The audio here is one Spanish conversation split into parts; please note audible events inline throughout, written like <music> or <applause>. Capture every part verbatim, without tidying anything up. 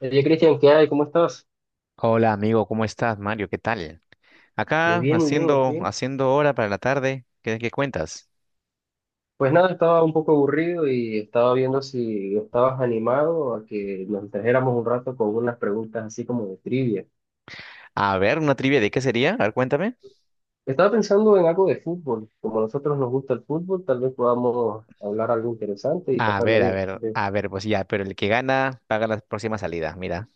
Oye, Cristian, ¿qué hay? ¿Cómo estás? Hola amigo, ¿cómo estás, Mario? ¿Qué tal? Muy Acá bien, muy bien, muy haciendo, bien. haciendo hora para la tarde. ¿Qué, qué cuentas? Pues nada, estaba un poco aburrido y estaba viendo si estabas animado a que nos distrajéramos un rato con unas preguntas así como de trivia. A ver, una trivia de qué sería. A ver, cuéntame. Estaba pensando en algo de fútbol. Como a nosotros nos gusta el fútbol, tal vez podamos hablar algo interesante y A pasarlo ver, a bien. ver, Sí. <laughs> a ver, pues ya, pero el que gana paga la próxima salida, mira.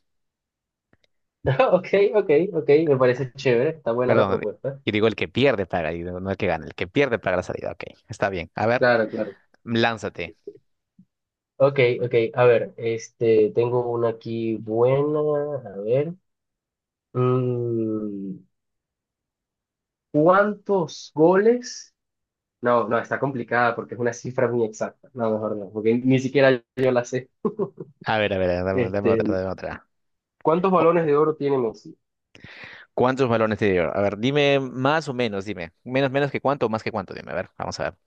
Ok, ok, ok, me parece chévere, está buena la Perdón, propuesta. y digo el que pierde paga, y digo, no el que gana, el que pierde paga la salida. Ok, está bien. A ver, Claro, claro. lánzate. Ok, ok, a ver, este, tengo una aquí buena, a ver. Mm, ¿Cuántos goles? No, no, está complicada porque es una cifra muy exacta. No, mejor no, porque ni siquiera yo la sé. A ver, a ver, dame, dame Este, otra, dame otra. ¿cuántos Oh, balones de oro tiene Messi? ¿cuántos balones te dio? A ver, dime más o menos, dime. Menos, menos que cuánto o más que cuánto, dime. A ver, vamos a ver.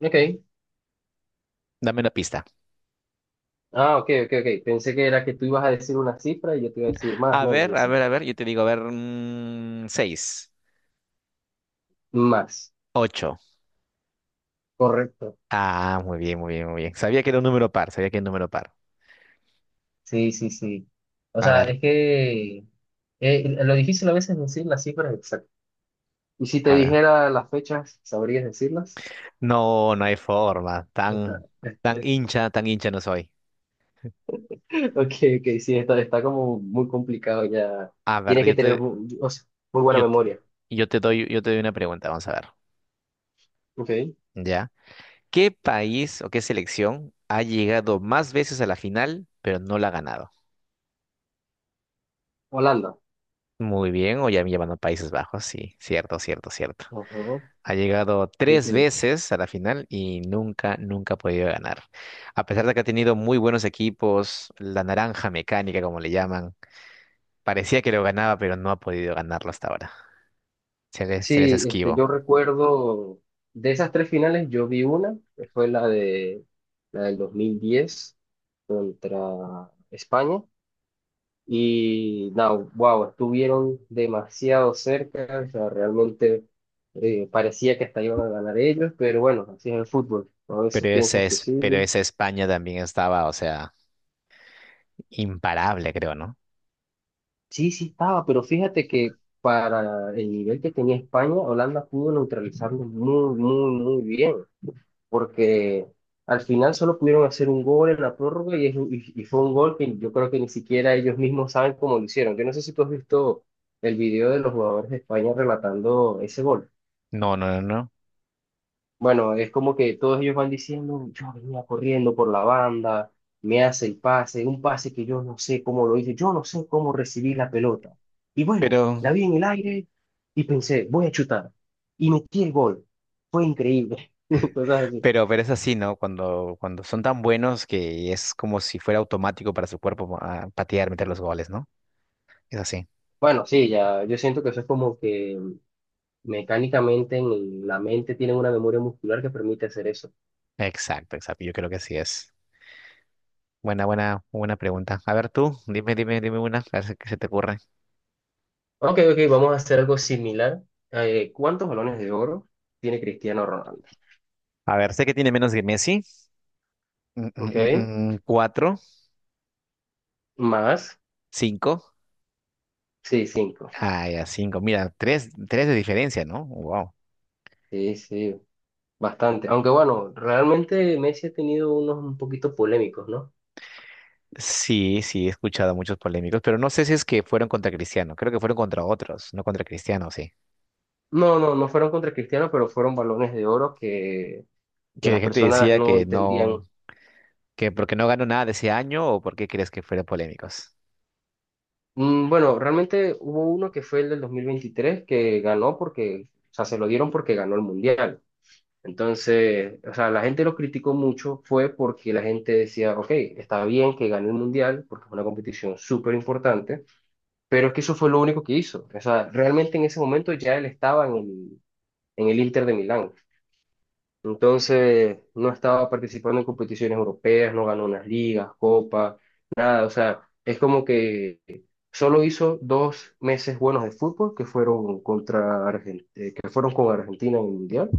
Ok. Dame una pista. Ah, ok, ok, ok. Pensé que era que tú ibas a decir una cifra y yo te iba a decir más, A menos, y ver, a decir ver, a ver, yo te digo, a ver, mm, seis, más. ocho. Correcto. Ah, muy bien, muy bien, muy bien. Sabía que era un número par, sabía que era un número par. Sí, sí, sí. O A sea, ver, es que eh, lo difícil a veces es decir las cifras exactas. Y si te a ver. dijera las fechas, ¿sabrías decirlas? No, no hay forma. Tan, Está- tan hincha, tan hincha no soy. Ok, ok, sí, está, está como muy complicado ya. A ver, Tienes que yo tener te, mu- o sea, muy, buena yo, t- memoria. yo te doy, yo te doy una pregunta, vamos a ver. Ok, ¿Ya? ¿Qué país o qué selección ha llegado más veces a la final, pero no la ha ganado? Holanda. Muy bien, o ya me llevan a Países Bajos, sí, cierto, cierto, cierto. Ajá. Ha llegado Sí, tres sí. veces a la final y nunca, nunca ha podido ganar. A pesar de que ha tenido muy buenos equipos, la naranja mecánica, como le llaman, parecía que lo ganaba, pero no ha podido ganarlo hasta ahora. Se les, se les Sí, este, esquivo. yo recuerdo de esas tres finales, yo vi una, que fue la de la del dos mil diez contra España. Y no, wow, estuvieron demasiado cerca, o sea, realmente eh, parecía que hasta iban a ganar ellos, pero bueno, así es el fútbol. A Pero veces esa piensas que es, pero sí, esa España también estaba, o sea, imparable, creo, ¿no? sí, sí estaba, pero fíjate que para el nivel que tenía España, Holanda pudo neutralizarlo muy, muy, muy bien, porque al final solo pudieron hacer un gol en la prórroga y, es un- y- y fue un gol que yo creo que ni siquiera ellos mismos saben cómo lo hicieron. Yo no sé si tú has visto el video de los jugadores de España relatando ese gol. No, no, no, no. Bueno, es como que todos ellos van diciendo, yo venía corriendo por la banda, me hace el pase, un pase que yo no sé cómo lo hice, yo no sé cómo recibí la pelota. Y bueno, Pero, la vi en el aire y pensé, voy a chutar. Y metí el gol. Fue increíble. <laughs> Cosas así. pero, pero es así, ¿no? Cuando, cuando son tan buenos que es como si fuera automático para su cuerpo ah, patear, meter los goles, ¿no? Es así. Bueno, sí, ya, yo siento que eso es como que mecánicamente en la mente tienen una memoria muscular que permite hacer eso. Exacto, exacto. Yo creo que así es. Buena, buena, buena pregunta. A ver tú, dime, dime, dime una, a ver si- qué se te ocurre. Ok, ok, vamos a hacer algo similar. Eh, ¿cuántos balones de oro tiene Cristiano Ronaldo? A ver, sé que tiene menos que Messi. Mm, Ok, mm, mm, mm, cuatro, más. cinco. Sí, cinco. Ah, ya, cinco. Mira, tres, tres de diferencia, ¿no? Wow. Sí, sí, bastante. Aunque bueno, realmente Messi ha tenido unos un poquito polémicos, ¿no? Sí, sí, he escuchado muchos polémicos, pero no sé si es que fueron contra Cristiano. Creo que fueron contra otros, no contra Cristiano, sí. No, no, no fueron contra Cristiano, pero fueron balones de oro que, que Que la las gente personas decía no que no, entendían. que porque no ganó nada de ese año o porque crees que fueron polémicos. Mm, Bueno, realmente hubo uno que fue el del dos mil veintitrés que ganó porque, o sea, se lo dieron porque ganó el Mundial. Entonces, o sea, la gente lo criticó mucho fue porque la gente decía, ok, está bien que gane el Mundial porque es una competición súper importante. Pero es que eso fue lo único que hizo. O sea, realmente en ese momento ya él estaba en el, en el Inter de Milán. Entonces, no estaba participando en competiciones europeas, no ganó unas ligas, copas, nada. O sea, es como que solo hizo dos meses buenos de fútbol que fueron contra Argentina, que fueron con Argentina en el Mundial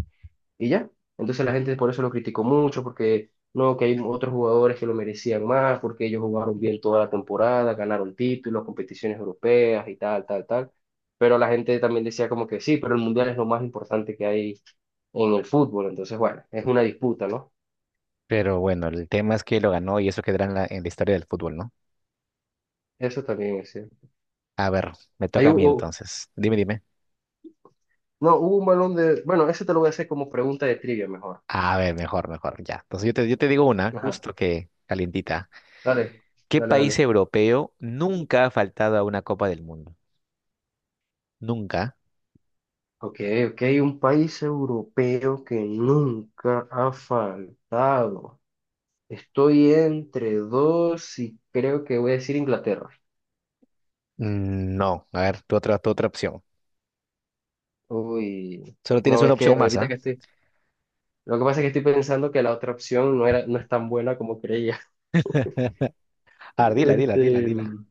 y ya. Entonces la gente por eso lo criticó mucho, porque no, que hay otros jugadores que lo merecían más, porque ellos jugaron bien toda la temporada, ganaron títulos, competiciones europeas y tal, tal, tal. Pero la gente también decía como que sí, pero el mundial es lo más importante que hay en el fútbol. Entonces, bueno, es una disputa, ¿no? Pero bueno, el tema es que lo ganó y eso quedará en la, en la, historia del fútbol, ¿no? Eso también es cierto. A ver, me toca Ahí a mí hubo, entonces. Dime, dime. no, hubo un balón de, bueno, eso te lo voy a hacer como pregunta de trivia mejor. Ah, a ver, mejor, mejor, ya. Entonces yo te, yo te digo una, Ajá. justo que calientita. Dale, ¿Qué dale, país dale. europeo nunca ha faltado a una Copa del Mundo? Nunca. Ok, ok, un país europeo que nunca ha faltado. Estoy entre dos y creo que voy a decir Inglaterra. Mm, No, a ver, tu otra, tu otra opción. Uy, Solo tienes no, una es que opción más, ahorita ¿ah? que estoy, lo que pasa es que estoy pensando que la otra opción no era, no es tan buena como creía. <laughs> A ver, dila, dila, dila, Este, dila. mm,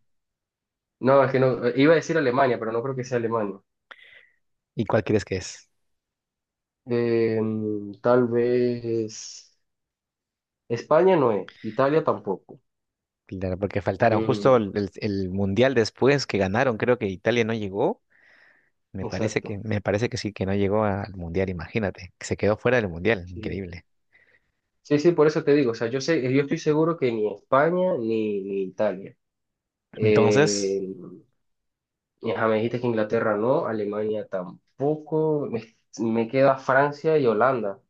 no, es que no, eh, iba a decir Alemania, pero no creo que sea Alemania. ¿Y cuál crees que es? Eh, mm, tal vez España no es, Italia tampoco. Claro, porque faltaron justo Mm, el, el- el Mundial después que ganaron, creo que Italia no llegó. Me parece que, exacto, me parece que sí, que no llegó al Mundial, imagínate, que se quedó fuera del Mundial, sí. increíble. Sí, sí, por eso te digo, o sea, yo sé, yo estoy seguro que ni España ni, ni Italia. Entonces, Eh, Y, ajá, me dijiste que Inglaterra no, Alemania tampoco. Me, me queda Francia y Holanda.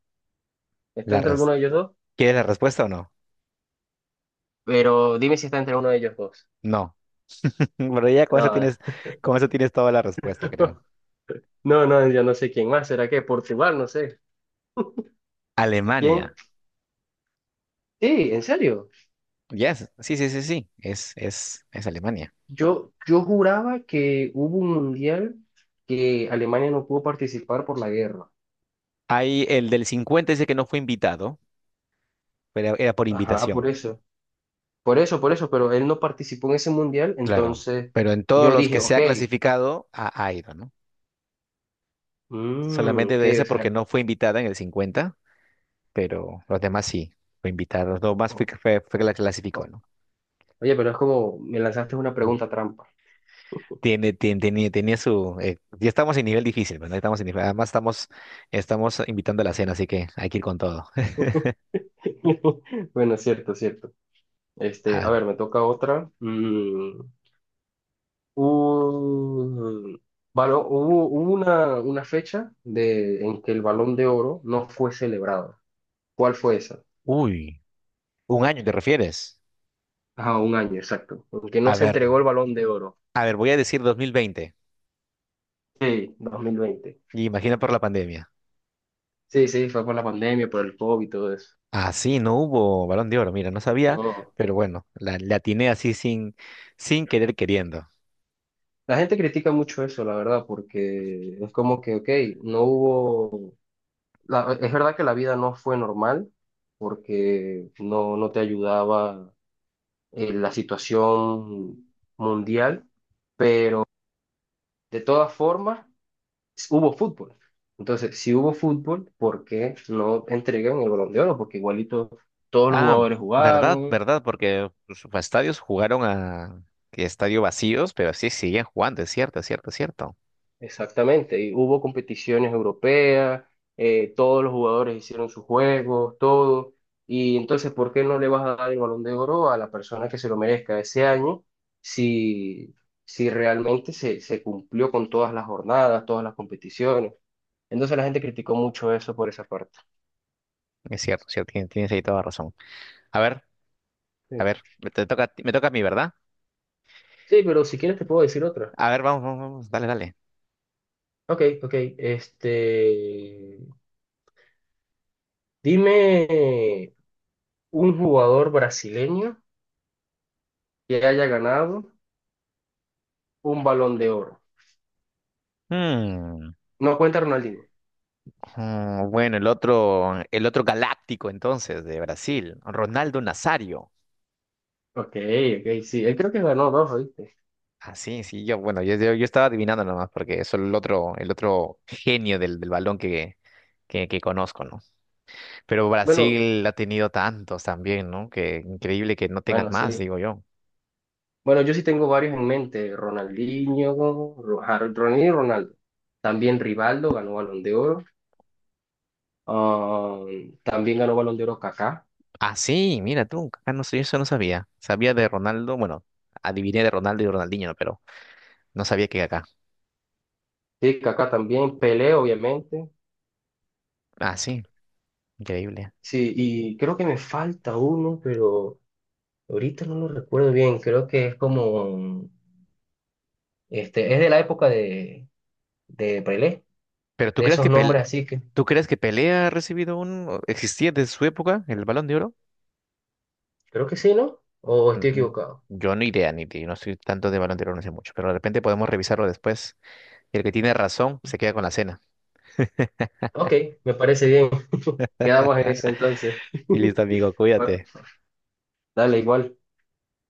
¿Está la entre alguno res- de ellos dos? ¿quieres la respuesta o no? Pero dime si está entre uno de ellos dos. No. Pero ya con eso No, tienes, con eso tienes toda la respuesta, creo. <laughs> no, no, yo no sé quién más. ¿Será que Portugal? No sé. ¿Quién? Alemania. Sí, en serio. Yes. Sí, sí, sí, sí. Es, es, es Alemania. Yo, yo juraba que hubo un mundial que Alemania no pudo participar por la guerra. Hay el del cincuenta dice que no fue invitado, pero era por Ajá, por invitación. eso. Por eso, por eso, pero él no participó en ese mundial, Claro. entonces Pero en todos yo los dije, que se ok, ha clasificado, ha, ha ido, ¿no? mm, Solamente ok, de ese o porque sea, no fue invitada en el cincuenta pero los demás sí, fue invitada. Los demás fue, o- fue, fue que la clasificó, ¿no? Oye, pero es como me lanzaste una pregunta trampa. Tiene, tiene, tenía, tenía su. eh, ya estamos en nivel difícil, ¿verdad? Estamos en nivel- además estamos, estamos invitando a la cena, así que hay que ir con todo. <laughs> Bueno, cierto, cierto. A Este, a ver, ver, me toca otra. Mm, un- balón- hubo hubo una, una fecha de, en que el Balón de Oro no fue celebrado. ¿Cuál fue esa? uy, un año te refieres. Ah, un año, exacto. Porque A no se ver, entregó el Balón de Oro. a ver, voy a decir dos mil veinte. Sí, dos mil veinte. Y imagina por la pandemia. Sí, sí, fue por la pandemia, por el COVID y todo eso. Ah, sí, no hubo Balón de Oro, mira, no sabía, No. pero bueno, la, la, atiné así sin, sin querer queriendo. La gente critica mucho eso, la verdad, porque es como que, ok, no hubo la- es verdad que la vida no fue normal porque no, no te ayudaba eh, la situación mundial. De todas formas, hubo fútbol. Entonces, si hubo fútbol, ¿por qué no entregan el Balón de Oro? Porque igualito todos los Ah, jugadores verdad, jugaron, verdad, porque pues, los estadios jugaron a que estadio vacíos, pero sí siguen jugando, es cierto, es cierto, es cierto. exactamente, y hubo competiciones europeas, eh, todos los jugadores hicieron sus juegos, todo, y entonces, ¿por qué no le vas a dar el Balón de Oro a la persona que se lo merezca ese año si, si realmente se, se cumplió con todas las jornadas, todas las competiciones? Entonces la gente criticó mucho eso por esa parte. Es cierto, es cierto, tien- tienes ahí toda razón. A ver, Sí, a ver, me te toca, a ti- me toca a mí, ¿verdad? sí, pero si quieres te puedo decir otra. A ver, vamos, vamos, vamos, dale, Ok, ok, este, dime un jugador brasileño que haya ganado un Balón de Oro. dale. No cuenta Ronaldinho. Mm, bueno, el otro, el otro galáctico entonces de Brasil, Ronaldo Nazario. Ok, ok, sí. Él creo que ganó dos, ¿viste? Ah, sí, sí, yo, bueno, yo, yo, yo estaba adivinando nomás porque es el otro, el otro genio del, del balón que, que, que conozco, ¿no? Pero Bueno, Brasil ha tenido tantos también, ¿no? Que increíble que no tengas bueno, más, sí. digo yo. Bueno, yo sí tengo varios en mente. Ronaldinho, Ro- Har- Ronaldinho y Ronaldo. También Rivaldo ganó Balón de Oro. Ah, también ganó Balón de Oro Kaká. Ah, sí, mira tú, acá no sé, eso no sabía. Sabía de Ronaldo, bueno, adiviné de Ronaldo y Ronaldinho, ¿no? Pero no sabía que acá. Sí, Kaká también. Pelé, obviamente. Ah, sí, increíble. Sí, y creo que me falta uno, pero ahorita no lo recuerdo bien. Creo que es como, este, es de la época de, de Pelé, Pero ¿tú de crees esos que nombres Pel- así que, tú crees que Pelé ha recibido un o existía desde su época el Balón de Oro? creo que sí, ¿no? ¿O estoy Mm, equivocado? Yo no idea ni de- no soy tanto de Balón de Oro, no sé mucho, pero de repente podemos revisarlo después. Y el que tiene razón se queda con la cena. Ok, me parece bien. Quedamos en eso entonces. Y listo, <laughs> amigo, Bueno, cuídate. dale igual.